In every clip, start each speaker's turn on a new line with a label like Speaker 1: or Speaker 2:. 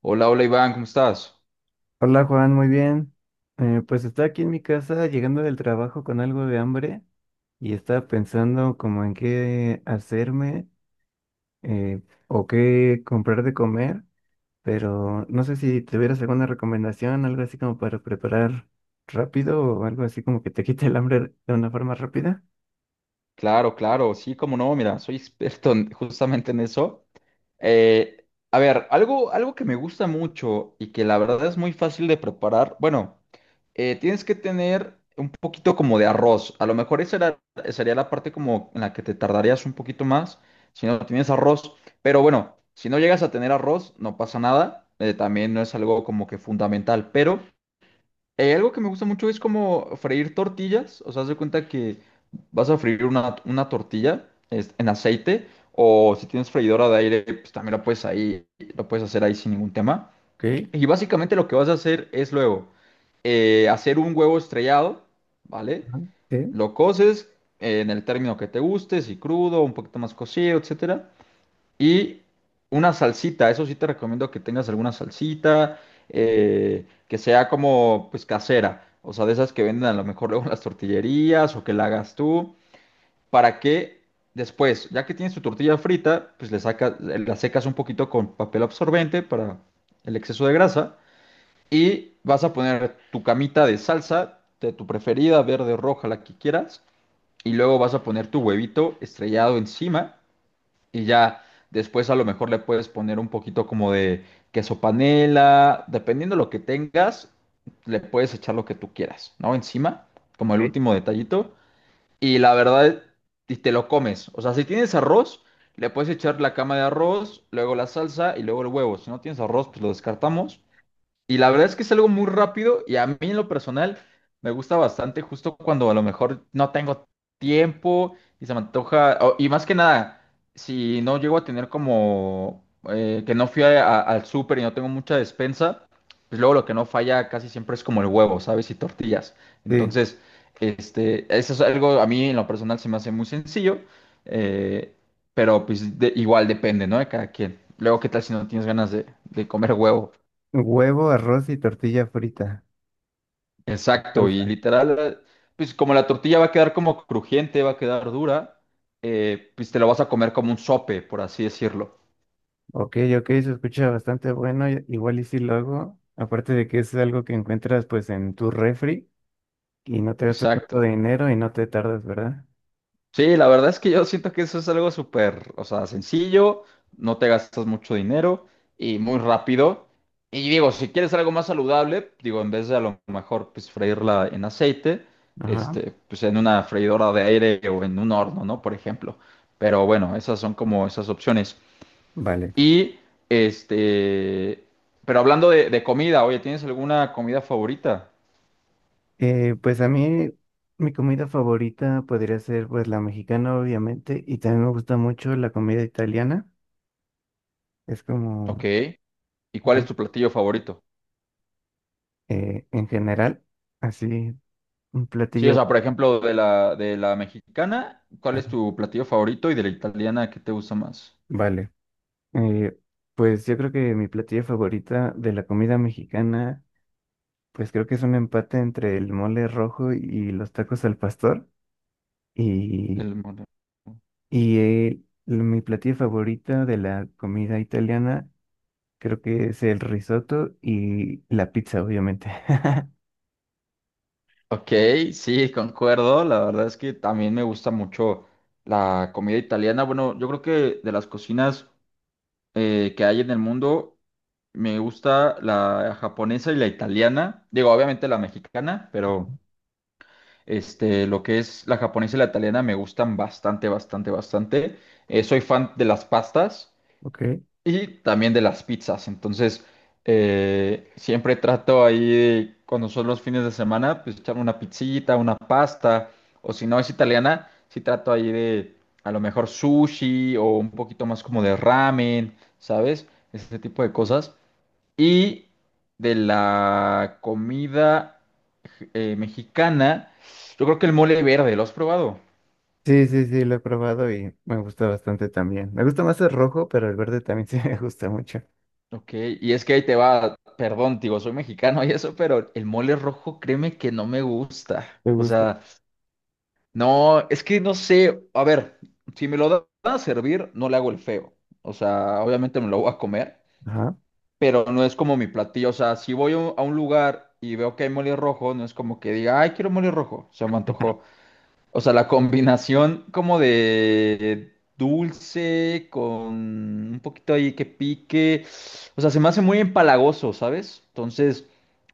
Speaker 1: Hola, hola Iván, ¿cómo estás?
Speaker 2: Hola Juan, muy bien. Pues estoy aquí en mi casa llegando del trabajo con algo de hambre y estaba pensando como en qué hacerme eh, o qué comprar de comer, pero no sé si tuvieras alguna recomendación, algo así como para preparar rápido o algo así como que te quite el hambre de una forma rápida.
Speaker 1: Claro, claro, sí, cómo no, mira, soy experto justamente en eso. A ver, algo que me gusta mucho y que la verdad es muy fácil de preparar, bueno, tienes que tener un poquito como de arroz, a lo mejor sería la parte como en la que te tardarías un poquito más si no tienes arroz, pero bueno, si no llegas a tener arroz, no pasa nada, también no es algo como que fundamental, pero... Algo que me gusta mucho es como freír tortillas. O sea, haz de cuenta que vas a freír una tortilla en aceite. O si tienes freidora de aire, pues también lo puedes ahí, lo puedes hacer ahí sin ningún tema.
Speaker 2: Ok.
Speaker 1: Y básicamente lo que vas a hacer es luego hacer un huevo estrellado, ¿vale?
Speaker 2: Ajá. Sí.
Speaker 1: Lo coces en el término que te guste, si crudo, un poquito más cocido, etcétera. Y una salsita, eso sí te recomiendo que tengas alguna salsita, que sea como pues casera, o sea, de esas que venden a lo mejor luego en las tortillerías o que la hagas tú, para que después, ya que tienes tu tortilla frita, pues le sacas, la secas un poquito con papel absorbente para el exceso de grasa y vas a poner tu camita de salsa de tu preferida, verde, roja, la que quieras, y luego vas a poner tu huevito estrellado encima y ya después a lo mejor le puedes poner un poquito como de queso panela, dependiendo lo que tengas, le puedes echar lo que tú quieras, ¿no? Encima, como el
Speaker 2: Ok.
Speaker 1: último detallito. Y la verdad, y te lo comes. O sea, si tienes arroz, le puedes echar la cama de arroz, luego la salsa y luego el huevo. Si no tienes arroz, pues lo descartamos. Y la verdad es que es algo muy rápido y a mí en lo personal me gusta bastante justo cuando a lo mejor no tengo tiempo y se me antoja, y más que nada, si no llego a tener como que no fui al súper y no tengo mucha despensa, pues luego lo que no falla casi siempre es como el huevo, ¿sabes? Y tortillas.
Speaker 2: Sí.
Speaker 1: Entonces, eso es algo a mí en lo personal se me hace muy sencillo, eh, pero pues igual depende, ¿no? De cada quien. Luego, ¿qué tal si no tienes ganas de comer huevo?
Speaker 2: Huevo, arroz y tortilla frita.
Speaker 1: Exacto, y
Speaker 2: Salsa.
Speaker 1: literal, pues como la tortilla va a quedar como crujiente, va a quedar dura, pues te lo vas a comer como un sope, por así decirlo.
Speaker 2: Ok, ok, se escucha bastante bueno, i- igual y si lo hago, aparte de que es algo que encuentras pues en tu refri y no te gastas tanto
Speaker 1: Exacto.
Speaker 2: dinero y no te tardas, ¿verdad?
Speaker 1: Sí, la verdad es que yo siento que eso es algo súper, o sea, sencillo, no te gastas mucho dinero y muy rápido. Y digo, si quieres algo más saludable, digo, en vez de a lo mejor pues freírla en aceite,
Speaker 2: Ajá,
Speaker 1: pues en una freidora de aire o en un horno, ¿no? Por ejemplo. Pero bueno, esas son como esas opciones.
Speaker 2: vale.
Speaker 1: Y este, pero hablando de comida, oye, ¿tienes alguna comida favorita?
Speaker 2: Pues a mí mi comida favorita podría ser pues la mexicana obviamente y también me gusta mucho la comida italiana, es como,
Speaker 1: Ok. ¿Y cuál es
Speaker 2: bueno,
Speaker 1: tu platillo favorito?
Speaker 2: en general, así un
Speaker 1: Sí, o
Speaker 2: platillo.
Speaker 1: sea, por ejemplo, de la mexicana, ¿cuál es
Speaker 2: Ajá,
Speaker 1: tu platillo favorito? Y de la italiana, ¿qué te gusta más?
Speaker 2: vale. Eh, pues yo creo que mi platillo favorita de la comida mexicana... Pues creo que es un empate entre el mole rojo y los tacos al pastor. Y,
Speaker 1: El mole.
Speaker 2: y mi platillo favorito de la comida italiana creo que es el risotto y la pizza, obviamente.
Speaker 1: Ok, sí, concuerdo. La verdad es que también me gusta mucho la comida italiana. Bueno, yo creo que de las cocinas que hay en el mundo, me gusta la japonesa y la italiana. Digo, obviamente la mexicana, pero este, lo que es la japonesa y la italiana me gustan bastante, bastante, bastante. Soy fan de las pastas
Speaker 2: Ok.
Speaker 1: y también de las pizzas. Entonces, siempre trato ahí, de, cuando son los fines de semana, pues echarme una pizzita, una pasta. O si no es italiana, sí trato ahí de a lo mejor sushi o un poquito más como de ramen, ¿sabes? Ese tipo de cosas. Y de la comida mexicana, yo creo que el mole verde, ¿lo has probado?
Speaker 2: Sí, sí, sí, lo he probado y me gusta bastante también. Me gusta más el rojo, pero el verde también sí me gusta mucho.
Speaker 1: Ok, y es que ahí te va, perdón, digo, soy mexicano y eso, pero el mole rojo, créeme que no me gusta.
Speaker 2: Me
Speaker 1: O
Speaker 2: gusta.
Speaker 1: sea, no, es que no sé, a ver, si van a servir, no le hago el feo. O sea, obviamente me lo voy a comer,
Speaker 2: Ajá.
Speaker 1: pero no es como mi platillo. O sea, si voy a un lugar y veo que hay mole rojo, no es como que diga, ay, quiero mole rojo, se me antojó. O sea, la combinación como de dulce con un poquito ahí que pique. O sea, se me hace muy empalagoso, ¿sabes? Entonces,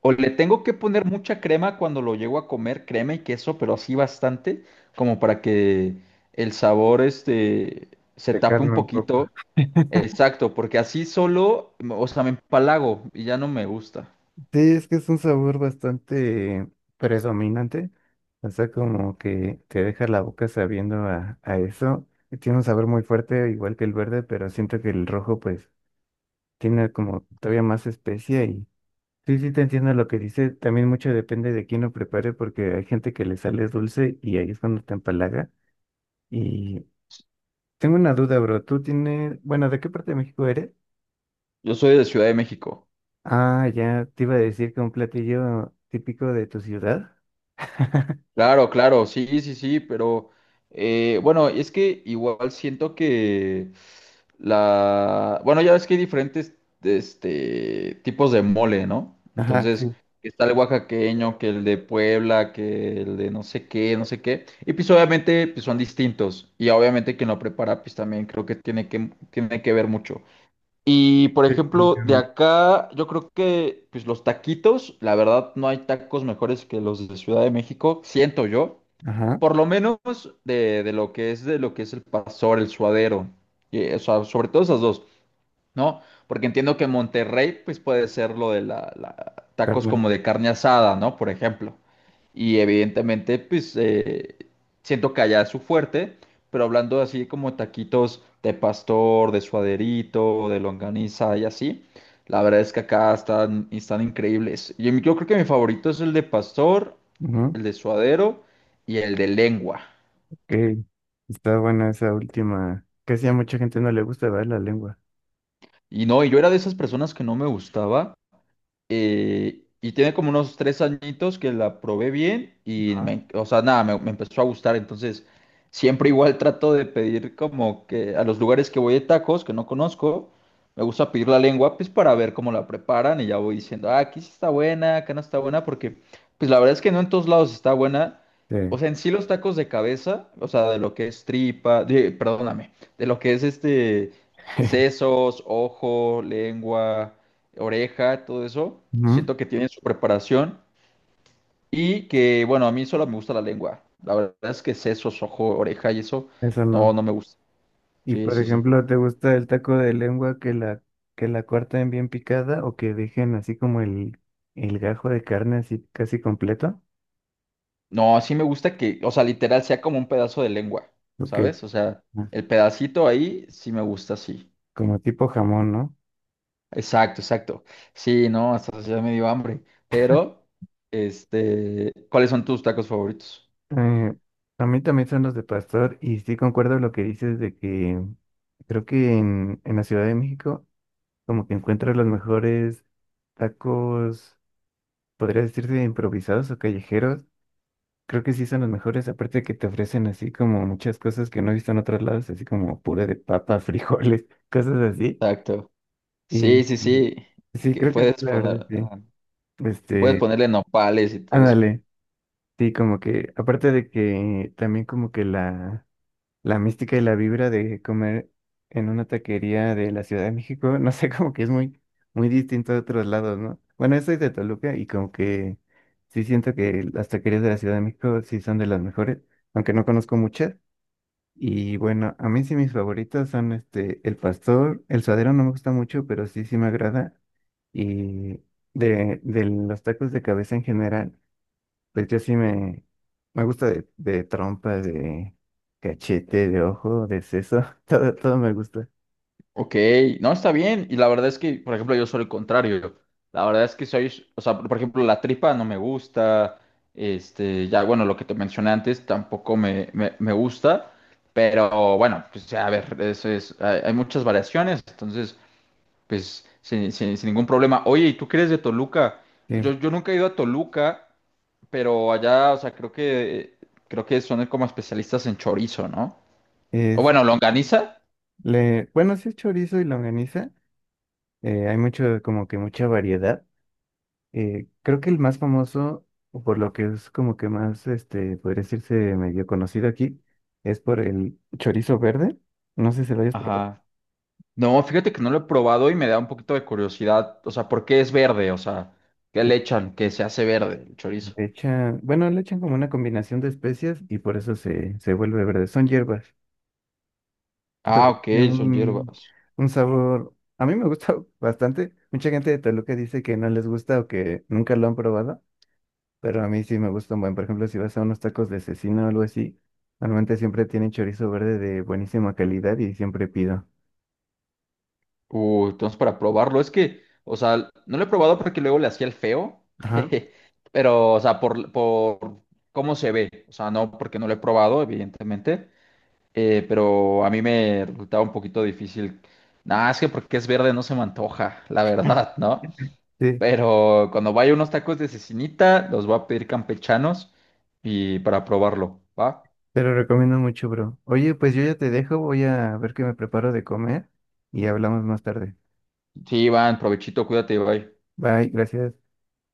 Speaker 1: o le tengo que poner mucha crema cuando lo llego a comer, crema y queso, pero así bastante, como para que el sabor este se tape un
Speaker 2: Pecarme un poco.
Speaker 1: poquito. Exacto, porque así solo, o sea, me empalago y ya no me gusta.
Speaker 2: Sí, es que es un sabor bastante predominante, o sea, como que te deja la boca sabiendo a eso. Y tiene un sabor muy fuerte, igual que el verde, pero siento que el rojo pues tiene como todavía más especia y sí, sí te entiendo lo que dice. También mucho depende de quién lo prepare porque hay gente que le sale dulce y ahí es cuando te empalaga. Y tengo una duda, bro, ¿tú tienes, bueno, de qué parte de México eres?
Speaker 1: Yo soy de Ciudad de México.
Speaker 2: Ah, ya te iba a decir que un platillo típico de tu ciudad.
Speaker 1: Claro, claro, sí, sí, sí, pero bueno, es que igual siento que bueno, ya ves que hay diferentes tipos de mole, ¿no?
Speaker 2: Ajá.
Speaker 1: Entonces, está el oaxaqueño, que el de Puebla, que el de no sé qué, no sé qué, y pues obviamente pues, son distintos, y obviamente quien lo prepara pues también creo que tiene que ver mucho. Y por
Speaker 2: Sí,
Speaker 1: ejemplo, de
Speaker 2: definitivamente.
Speaker 1: acá, yo creo que pues los taquitos, la verdad, no hay tacos mejores que los de Ciudad de México, siento yo.
Speaker 2: Ajá,
Speaker 1: Por lo menos de lo que es el pastor, el suadero. Y, o sea, sobre todo esas dos. ¿No? Porque entiendo que en Monterrey, pues puede ser lo de tacos
Speaker 2: Carmen.
Speaker 1: como de carne asada, ¿no? Por ejemplo. Y evidentemente, pues siento que allá es su fuerte, pero hablando así como taquitos de pastor, de suaderito, de longaniza y así, la verdad es que acá están increíbles. Yo creo que mi favorito es el de pastor,
Speaker 2: Ajá.
Speaker 1: el de suadero y el de lengua.
Speaker 2: Ok. Está buena esa última. Casi a mucha gente no le gusta, ver la lengua.
Speaker 1: Y no, y yo era de esas personas que no me gustaba. Y tiene como unos tres añitos que la probé bien y
Speaker 2: Ajá.
Speaker 1: o sea, nada, me empezó a gustar. Entonces, siempre igual trato de pedir como que a los lugares que voy de tacos, que no conozco, me gusta pedir la lengua, pues para ver cómo la preparan y ya voy diciendo, ah, aquí sí está buena, acá no está buena, porque pues la verdad es que no en todos lados está buena. O
Speaker 2: Sí.
Speaker 1: sea, en sí los tacos de cabeza, o sea, de lo que es tripa, perdóname, de lo que es sesos, ojo, lengua, oreja, todo eso.
Speaker 2: Ujú.
Speaker 1: Siento que tienen su preparación y que, bueno, a mí solo me gusta la lengua. La verdad es que sesos, ojo, oreja y eso,
Speaker 2: Eso
Speaker 1: no,
Speaker 2: no.
Speaker 1: no me gusta.
Speaker 2: Y
Speaker 1: Sí,
Speaker 2: por
Speaker 1: sí, sí.
Speaker 2: ejemplo, ¿te gusta el taco de lengua que la corten bien picada o que dejen así como el gajo de carne así casi completo?
Speaker 1: No, sí me gusta que, o sea, literal sea como un pedazo de lengua,
Speaker 2: Ok.
Speaker 1: ¿sabes? O sea,
Speaker 2: Ah,
Speaker 1: el pedacito ahí sí me gusta, sí.
Speaker 2: como tipo jamón, ¿no?
Speaker 1: Exacto, exacto. Sí, no, hasta ya me dio hambre. Pero, ¿cuáles son tus tacos favoritos?
Speaker 2: Eh, a mí también son los de pastor y sí concuerdo lo que dices de que creo que en la Ciudad de México como que encuentras los mejores tacos, podría decirse improvisados o callejeros. Creo que sí son los mejores, aparte de que te ofrecen así como muchas cosas que no he visto en otros lados, así como puré de papa, frijoles, cosas así.
Speaker 1: Exacto. Sí,
Speaker 2: Y
Speaker 1: sí, sí.
Speaker 2: sí,
Speaker 1: Que
Speaker 2: creo que sí,
Speaker 1: puedes
Speaker 2: la verdad,
Speaker 1: poner,
Speaker 2: sí.
Speaker 1: ajá, puedes
Speaker 2: Este,
Speaker 1: ponerle nopales y todo eso.
Speaker 2: ándale, sí, como que, aparte de que también como que la mística y la vibra de comer en una taquería de la Ciudad de México, no sé, como que es muy, muy distinto de otros lados, ¿no? Bueno, yo soy de Toluca y como que sí siento que las taquerías de la Ciudad de México sí son de las mejores, aunque no conozco muchas. Y bueno, a mí sí mis favoritos son este, el pastor, el suadero no me gusta mucho, pero sí, sí me agrada. Y de los tacos de cabeza en general. Pues yo sí me gusta de trompa, de cachete, de ojo, de seso, todo, todo me gusta.
Speaker 1: Ok, no está bien. Y la verdad es que, por ejemplo, yo soy el contrario. La verdad es que soy, o sea, por ejemplo, la tripa no me gusta. Ya, bueno, lo que te mencioné antes tampoco me gusta. Pero bueno, pues ya, a ver, eso es, hay muchas variaciones. Entonces, pues sin ningún problema. Oye, ¿y tú qué eres de Toluca?
Speaker 2: Sí,
Speaker 1: Yo nunca he ido a Toluca, pero allá, o sea, creo que son como especialistas en chorizo, ¿no? O
Speaker 2: es,
Speaker 1: bueno, longaniza.
Speaker 2: le, bueno, sí es chorizo y longaniza, hay mucho, como que mucha variedad. Creo que el más famoso, o por lo que es como que más, este, podría decirse medio conocido aquí, es por el chorizo verde. No sé si lo hayas probado.
Speaker 1: Ajá. No, fíjate que no lo he probado y me da un poquito de curiosidad. O sea, ¿por qué es verde? O sea, ¿qué
Speaker 2: Eh,
Speaker 1: le echan que se hace verde el chorizo?
Speaker 2: Le echan, bueno, le echan como una combinación de especias y por eso se vuelve verde. Son hierbas.
Speaker 1: Ah,
Speaker 2: Pero
Speaker 1: ok,
Speaker 2: tiene
Speaker 1: son hierbas.
Speaker 2: un sabor. A mí me gusta bastante. Mucha gente de Toluca dice que no les gusta o que nunca lo han probado, pero a mí sí me gusta un buen. Por ejemplo, si vas a unos tacos de cecina o algo así, normalmente siempre tienen chorizo verde de buenísima calidad y siempre pido.
Speaker 1: Entonces para probarlo, es que, o sea, no lo he probado porque luego le hacía el feo,
Speaker 2: Ajá,
Speaker 1: pero, o sea, por cómo se ve, o sea, no porque no lo he probado, evidentemente, pero a mí me resultaba un poquito difícil. Nada, es que porque es verde no se me antoja, la verdad, ¿no?
Speaker 2: sí,
Speaker 1: Pero cuando vaya unos tacos de cecinita, los voy a pedir campechanos y para probarlo, ¿va?
Speaker 2: te lo recomiendo mucho, bro. Oye, pues yo ya te dejo, voy a ver qué me preparo de comer y hablamos más tarde.
Speaker 1: Sí, Iván, provechito, cuídate, bye.
Speaker 2: Bye, gracias.